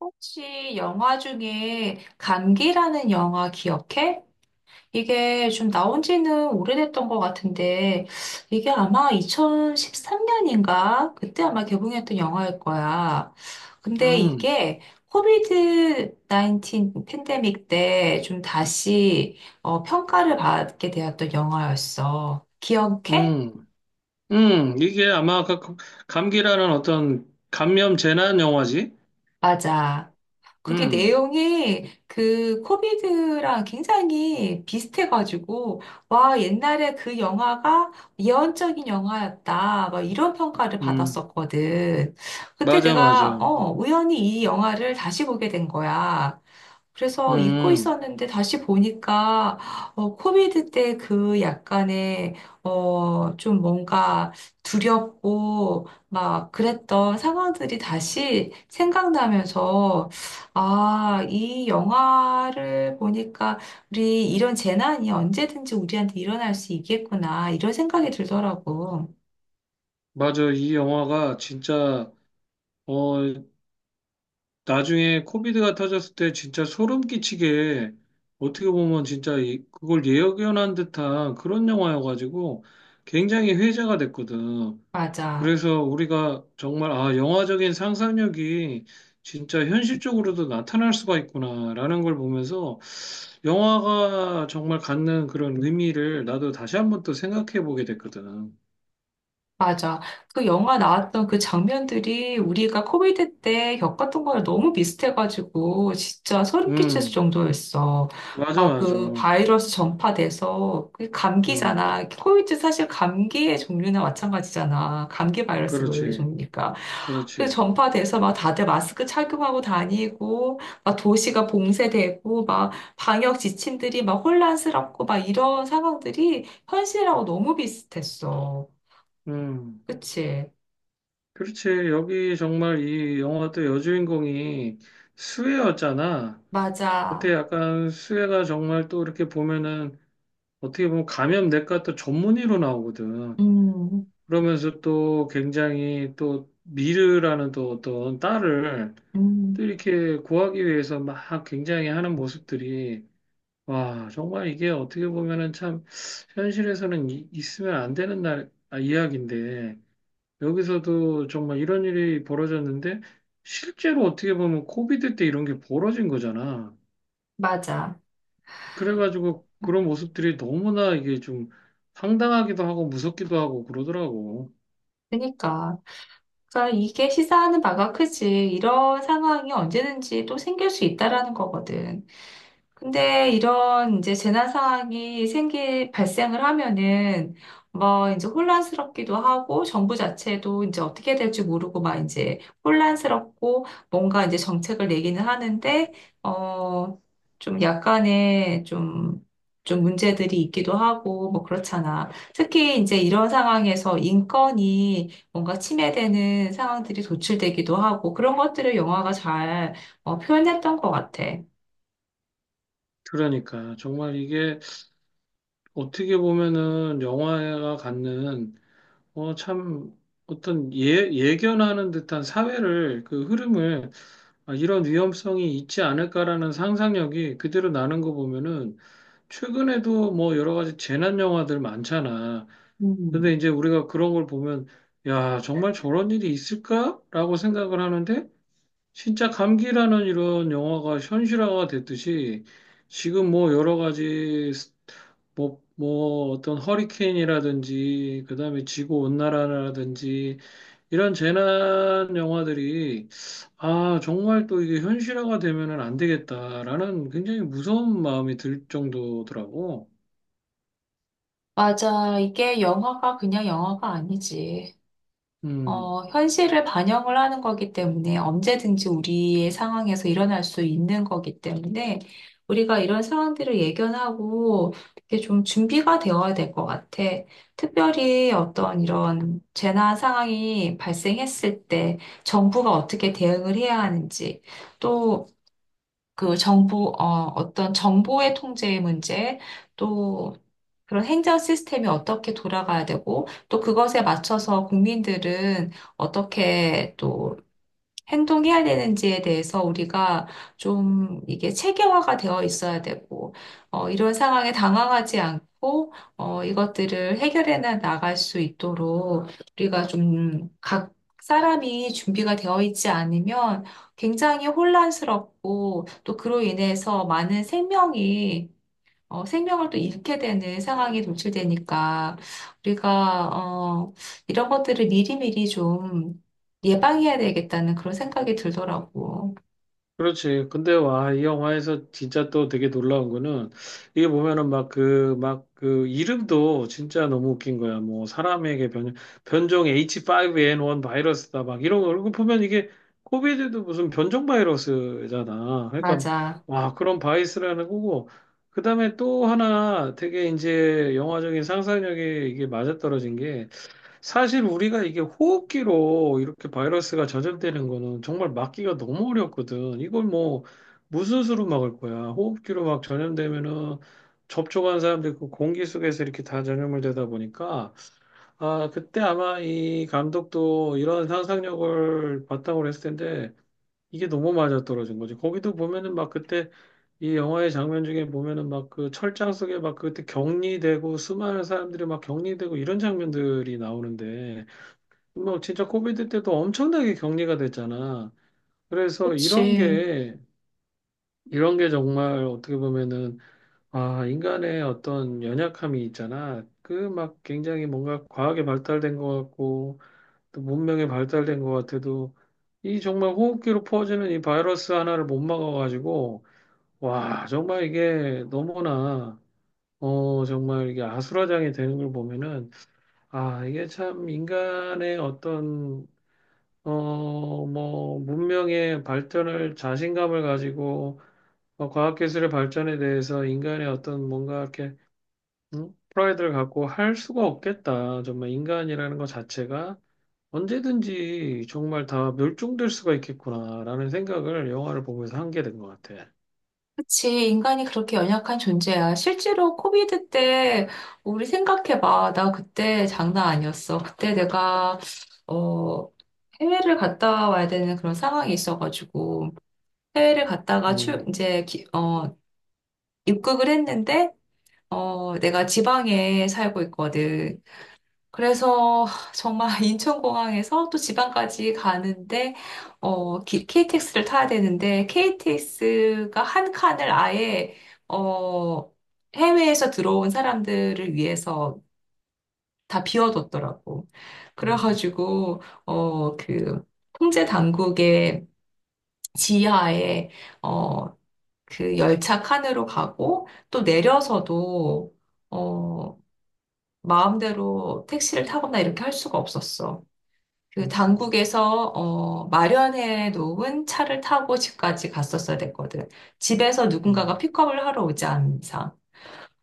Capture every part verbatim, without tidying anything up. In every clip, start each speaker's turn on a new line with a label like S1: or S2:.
S1: 혹시 영화 중에 감기라는 영화 기억해? 이게 좀 나온 지는 오래됐던 것 같은데, 이게 아마 이천십삼 년인가? 그때 아마 개봉했던 영화일 거야. 근데
S2: 음,
S1: 이게 코비드 십구 팬데믹 때 좀 다시 어, 평가를 받게 되었던 영화였어. 기억해?
S2: 음, 음, 이게 아마 그 감기라는 어떤 감염 재난 영화지?
S1: 맞아. 그게
S2: 음,
S1: 내용이 그 코미드랑 굉장히 비슷해가지고, 와, 옛날에 그 영화가 예언적인 영화였다. 막 이런 평가를
S2: 음,
S1: 받았었거든. 그때
S2: 맞아, 맞아.
S1: 내가,
S2: 음,
S1: 어, 우연히 이 영화를 다시 보게 된 거야. 그래서 잊고
S2: 음.
S1: 있었는데 다시 보니까 어, 코비드 때 그 약간의 어, 좀 뭔가 두렵고 막 그랬던 상황들이 다시 생각나면서 아, 이 영화를 보니까 우리 이런 재난이 언제든지 우리한테 일어날 수 있겠구나 이런 생각이 들더라고.
S2: 맞아. 이 영화가 진짜, 어, 나중에 코비드가 터졌을 때 진짜 소름 끼치게 어떻게 보면 진짜 이- 그걸 예견한 듯한 그런 영화여가지고 굉장히 회자가 됐거든.
S1: 맞아.
S2: 그래서 우리가 정말, 아, 영화적인 상상력이 진짜 현실적으로도 나타날 수가 있구나라는 걸 보면서 영화가 정말 갖는 그런 의미를 나도 다시 한 번 또 생각해 보게 됐거든.
S1: 맞아. 그 영화 나왔던 그 장면들이 우리가 코비드 때 겪었던 거랑 너무 비슷해가지고 진짜 소름 끼칠
S2: 음,
S1: 정도였어.
S2: 맞아,
S1: 아,
S2: 맞아.
S1: 그 바이러스 전파돼서 그
S2: 음,
S1: 감기잖아. 코비드 사실 감기의 종류나 마찬가지잖아. 감기 바이러스 그
S2: 그렇지,
S1: 종류니까. 그래서
S2: 그렇지.
S1: 전파돼서 막 다들 마스크 착용하고 다니고 막 도시가 봉쇄되고 막 방역 지침들이 막 혼란스럽고 막 이런 상황들이 현실하고 너무 비슷했어.
S2: 음,
S1: 그치.
S2: 그렇지. 여기 정말 이 영화 또 여주인공이 수혜였잖아. 그때
S1: 맞아.
S2: 약간 수혜가 정말 또 이렇게 보면은 어떻게 보면 감염내과 또 전문의로 나오거든.
S1: 음,
S2: 그러면서 또 굉장히 또 미르라는 또 어떤 딸을
S1: 음,
S2: 또 이렇게 구하기 위해서 막 굉장히 하는 모습들이 와, 정말 이게 어떻게 보면은 참 현실에서는 이- 있으면 안 되는 날 아, 이야기인데 여기서도 정말 이런 일이 벌어졌는데 실제로 어떻게 보면 코비드 때 이런 게 벌어진 거잖아.
S1: 맞아.
S2: 그래가지고 그런 모습들이 너무나 이게 좀 황당하기도 하고 무섭기도 하고 그러더라고.
S1: 그러니까. 그러니까 이게 시사하는 바가 크지. 이런 상황이 언제든지 또 생길 수 있다라는 거거든. 근데 이런 이제 재난 상황이 생기, 발생을 하면은 뭐 이제 혼란스럽기도 하고 정부 자체도 이제 어떻게 될지 모르고 막 이제 혼란스럽고 뭔가 이제 정책을 내기는 하는데 어, 좀 약간의 좀, 좀 문제들이 있기도 하고 뭐 그렇잖아. 특히 이제 이런 상황에서 인권이 뭔가 침해되는 상황들이 도출되기도 하고 그런 것들을 영화가 잘 어, 표현했던 것 같아.
S2: 그러니까 정말 이게 어떻게 보면은 영화가 갖는 어, 참 어떤 예, 예견하는 듯한 사회를 그 흐름을 아, 이런 위험성이 있지 않을까라는 상상력이 그대로 나는 거 보면은 최근에도 뭐 여러 가지 재난 영화들 많잖아. 근데
S1: 음.
S2: 이제 우리가 그런 걸 보면 야, 정말 저런 일이 있을까라고 생각을 하는데 진짜 감기라는 이런 영화가 현실화가 됐듯이 지금 뭐 여러 가지 스- 뭐, 뭐 어떤 허리케인이라든지 그다음에 지구 온난화라든지 이런 재난 영화들이 아, 정말 또 이게 현실화가 되면은 안 되겠다라는 굉장히 무서운 마음이 들 정도더라고.
S1: 맞아. 이게 영화가 그냥 영화가 아니지.
S2: 음.
S1: 어, 현실을 반영을 하는 거기 때문에 언제든지 우리의 상황에서 일어날 수 있는 거기 때문에 우리가 이런 상황들을 예견하고 이게 좀 준비가 되어야 될 것 같아. 특별히 어떤 이런 재난 상황이 발생했을 때 정부가 어떻게 대응을 해야 하는지 또 그 정부, 어, 어떤 정보의 통제의 문제, 또 그런 행정 시스템이 어떻게 돌아가야 되고, 또 그것에 맞춰서 국민들은 어떻게 또 행동해야 되는지에 대해서 우리가 좀 이게 체계화가 되어 있어야 되고, 어, 이런 상황에 당황하지 않고, 어, 이것들을 해결해 나- 나갈 수 있도록 우리가 좀 각 사람이 준비가 되어 있지 않으면 굉장히 혼란스럽고 또 그로 인해서 많은 생명이 어, 생명을 또 잃게 되는 상황이 도출되니까 우리가 어, 이런 것들을 미리미리 좀 예방해야 되겠다는 그런 생각이 들더라고.
S2: 그렇지. 근데 와, 이 영화에서 진짜 또 되게 놀라운 거는 이게 보면은 막 그, 막 그 이름도 진짜 너무 웃긴 거야. 뭐 사람에게 변, 변종 에이치 파이브 엔 원 바이러스다 막 이런 거. 그리고 보면 이게 코비드도 무슨 변종 바이러스잖아. 그러니까
S1: 맞아.
S2: 와, 그런 바이러스라는 거고. 그다음에 또 하나 되게 이제 영화적인 상상력이 이게 맞아떨어진 게 사실 우리가 이게 호흡기로 이렇게 바이러스가 전염되는 거는 정말 막기가 너무 어렵거든. 이걸 뭐 무슨 수로 막을 거야? 호흡기로 막 전염되면은 접촉한 사람들 그 공기 속에서 이렇게 다 전염을 되다 보니까 아 그때 아마 이 감독도 이런 상상력을 바탕으로 했을 텐데 이게 너무 맞아떨어진 거지. 거기도 보면은 막 그때 이 영화의 장면 중에 보면은 막 그 철장 속에 막 그때 격리되고 수많은 사람들이 막 격리되고 이런 장면들이 나오는데 뭐 진짜 코비드 때도 엄청나게 격리가 됐잖아. 그래서 이런
S1: 그치.
S2: 게 이런 게 정말 어떻게 보면은 아 인간의 어떤 연약함이 있잖아. 그 막 굉장히 뭔가 과학에 발달된 것 같고 또 문명에 발달된 것 같아도 이 정말 호흡기로 퍼지는 이 바이러스 하나를 못 막아가지고 와 정말 이게 너무나 어 정말 이게 아수라장이 되는 걸 보면은 아 이게 참 인간의 어떤 어, 뭐, 문명의 발전을 자신감을 가지고 어, 과학기술의 발전에 대해서 인간의 어떤 뭔가 이렇게 음? 프라이드를 갖고 할 수가 없겠다. 정말 인간이라는 것 자체가 언제든지 정말 다 멸종될 수가 있겠구나라는 생각을 영화를 보면서 한 게 된 것 같아.
S1: 그치. 인간이 그렇게 연약한 존재야. 실제로 코비드 때 우리 생각해봐. 나 그때 장난 아니었어. 그때 내가 어, 해외를 갔다 와야 되는 그런 상황이 있어가지고 해외를 갔다가
S2: 음,
S1: 출 이제 기- 어, 입국을 했는데 어, 내가 지방에 살고 있거든. 그래서 정말 인천공항에서 또 지방까지 가는데, 어, 기- 케이티엑스를 타야 되는데, 케이티엑스가 한 칸을 아예, 어, 해외에서 들어온 사람들을 위해서 다 비워뒀더라고.
S2: 음,
S1: 그래가지고, 어, 그, 통제 당국의 지하에, 어, 그 열차 칸으로 가고, 또 내려서도, 어, 마음대로 택시를 타거나 이렇게 할 수가 없었어. 그
S2: 음,
S1: 당국에서 어, 마련해 놓은 차를 타고 집까지 갔었어야 됐거든. 집에서 누군가가
S2: 음,
S1: 픽업을 하러 오지 않은 이상.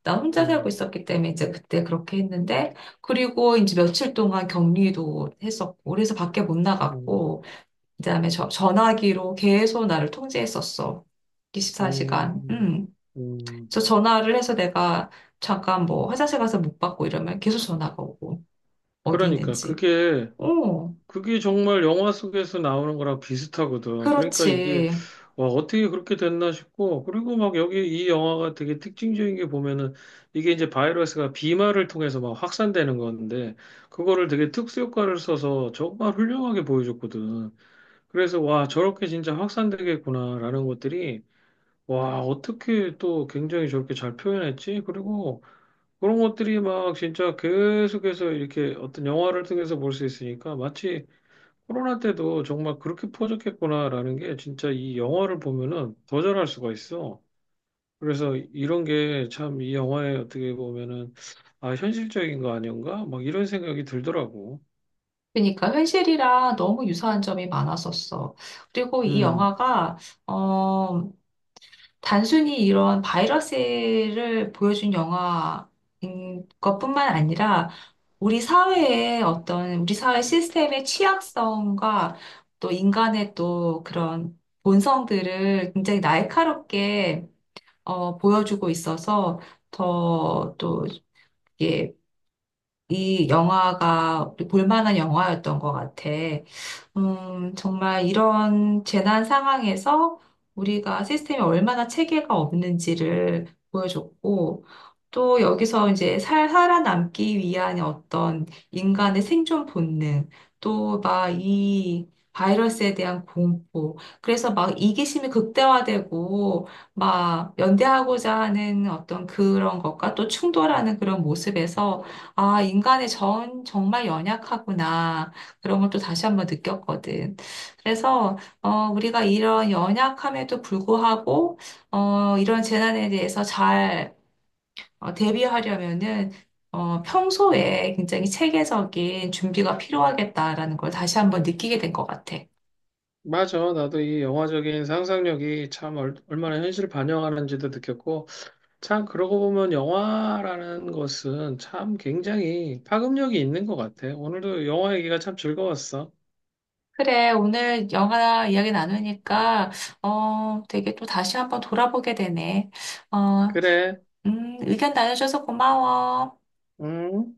S1: 나 혼자 살고
S2: 음,
S1: 있었기 때문에 이제 그때 그렇게 했는데, 그리고 이제 며칠 동안 격리도 했었고, 그래서 밖에 못
S2: 음,
S1: 나갔고, 그다음에 저- 전화기로 계속 나를 통제했었어. 이십사 시간.
S2: 음,
S1: 음.
S2: 음.
S1: 저 전화를 해서 내가 잠깐 뭐 화장실 가서 못 받고 이러면 계속 전화가 오고. 어디
S2: 그러니까
S1: 있는지.
S2: 그게
S1: 어,
S2: 그게 정말 영화 속에서 나오는 거랑 비슷하거든. 그러니까 이게
S1: 그렇지.
S2: 와, 어떻게 그렇게 됐나 싶고, 그리고 막 여기 이 영화가 되게 특징적인 게 보면은, 이게 이제 바이러스가 비말을 통해서 막 확산되는 건데, 그거를 되게 특수효과를 써서 정말 훌륭하게 보여줬거든. 그래서, 와, 저렇게 진짜 확산되겠구나라는 것들이, 와, 어떻게 또 굉장히 저렇게 잘 표현했지? 그리고 그런 것들이 막 진짜 계속해서 이렇게 어떤 영화를 통해서 볼 수 있으니까, 마치 코로나 때도 정말 그렇게 퍼졌겠구나라는 게 진짜 이 영화를 보면은 거절할 수가 있어. 그래서 이런 게 참 이 영화에 어떻게 보면은 아, 현실적인 거 아닌가? 막 이런 생각이 들더라고.
S1: 그러니까 현실이랑 너무 유사한 점이 많았었어. 그리고 이
S2: 음.
S1: 영화가 어, 단순히 이런 바이러스를 보여준 영화인 것뿐만 아니라 우리 사회의 어떤 우리 사회 시스템의 취약성과 또 인간의 또 그런 본성들을 굉장히 날카롭게 어, 보여주고 있어서 더또 이 영화가 우리 볼만한 영화였던 것 같아. 음, 정말 이런 재난 상황에서 우리가 시스템이 얼마나 체계가 없는지를 보여줬고, 또 여기서 이제 살, 살아남기 위한 어떤 인간의 생존 본능, 또 막 이 바이러스에 대한 공포, 그래서 막 이기심이 극대화되고, 막 연대하고자 하는 어떤 그런 것과 또 충돌하는 그런 모습에서 아, 인간의 정, 정말 연약하구나. 그런 걸 또 다시 한번 느꼈거든. 그래서, 어, 우리가 이런 연약함에도 불구하고, 어, 이런 재난에 대해서 잘 어, 대비하려면은, 어, 평소에 굉장히 체계적인 준비가 필요하겠다라는 걸 다시 한번 느끼게 된 것 같아.
S2: 맞아. 나도 이 영화적인 상상력이 참 얼, 얼마나 현실을 반영하는지도 느꼈고, 참 그러고 보면 영화라는 것은 참 굉장히 파급력이 있는 것 같아. 오늘도 영화 얘기가 참 즐거웠어.
S1: 그래, 오늘 영화 이야기 나누니까, 어, 되게 또 다시 한번 돌아보게 되네. 어,
S2: 그래.
S1: 음, 의견 나눠줘서 고마워.
S2: 음.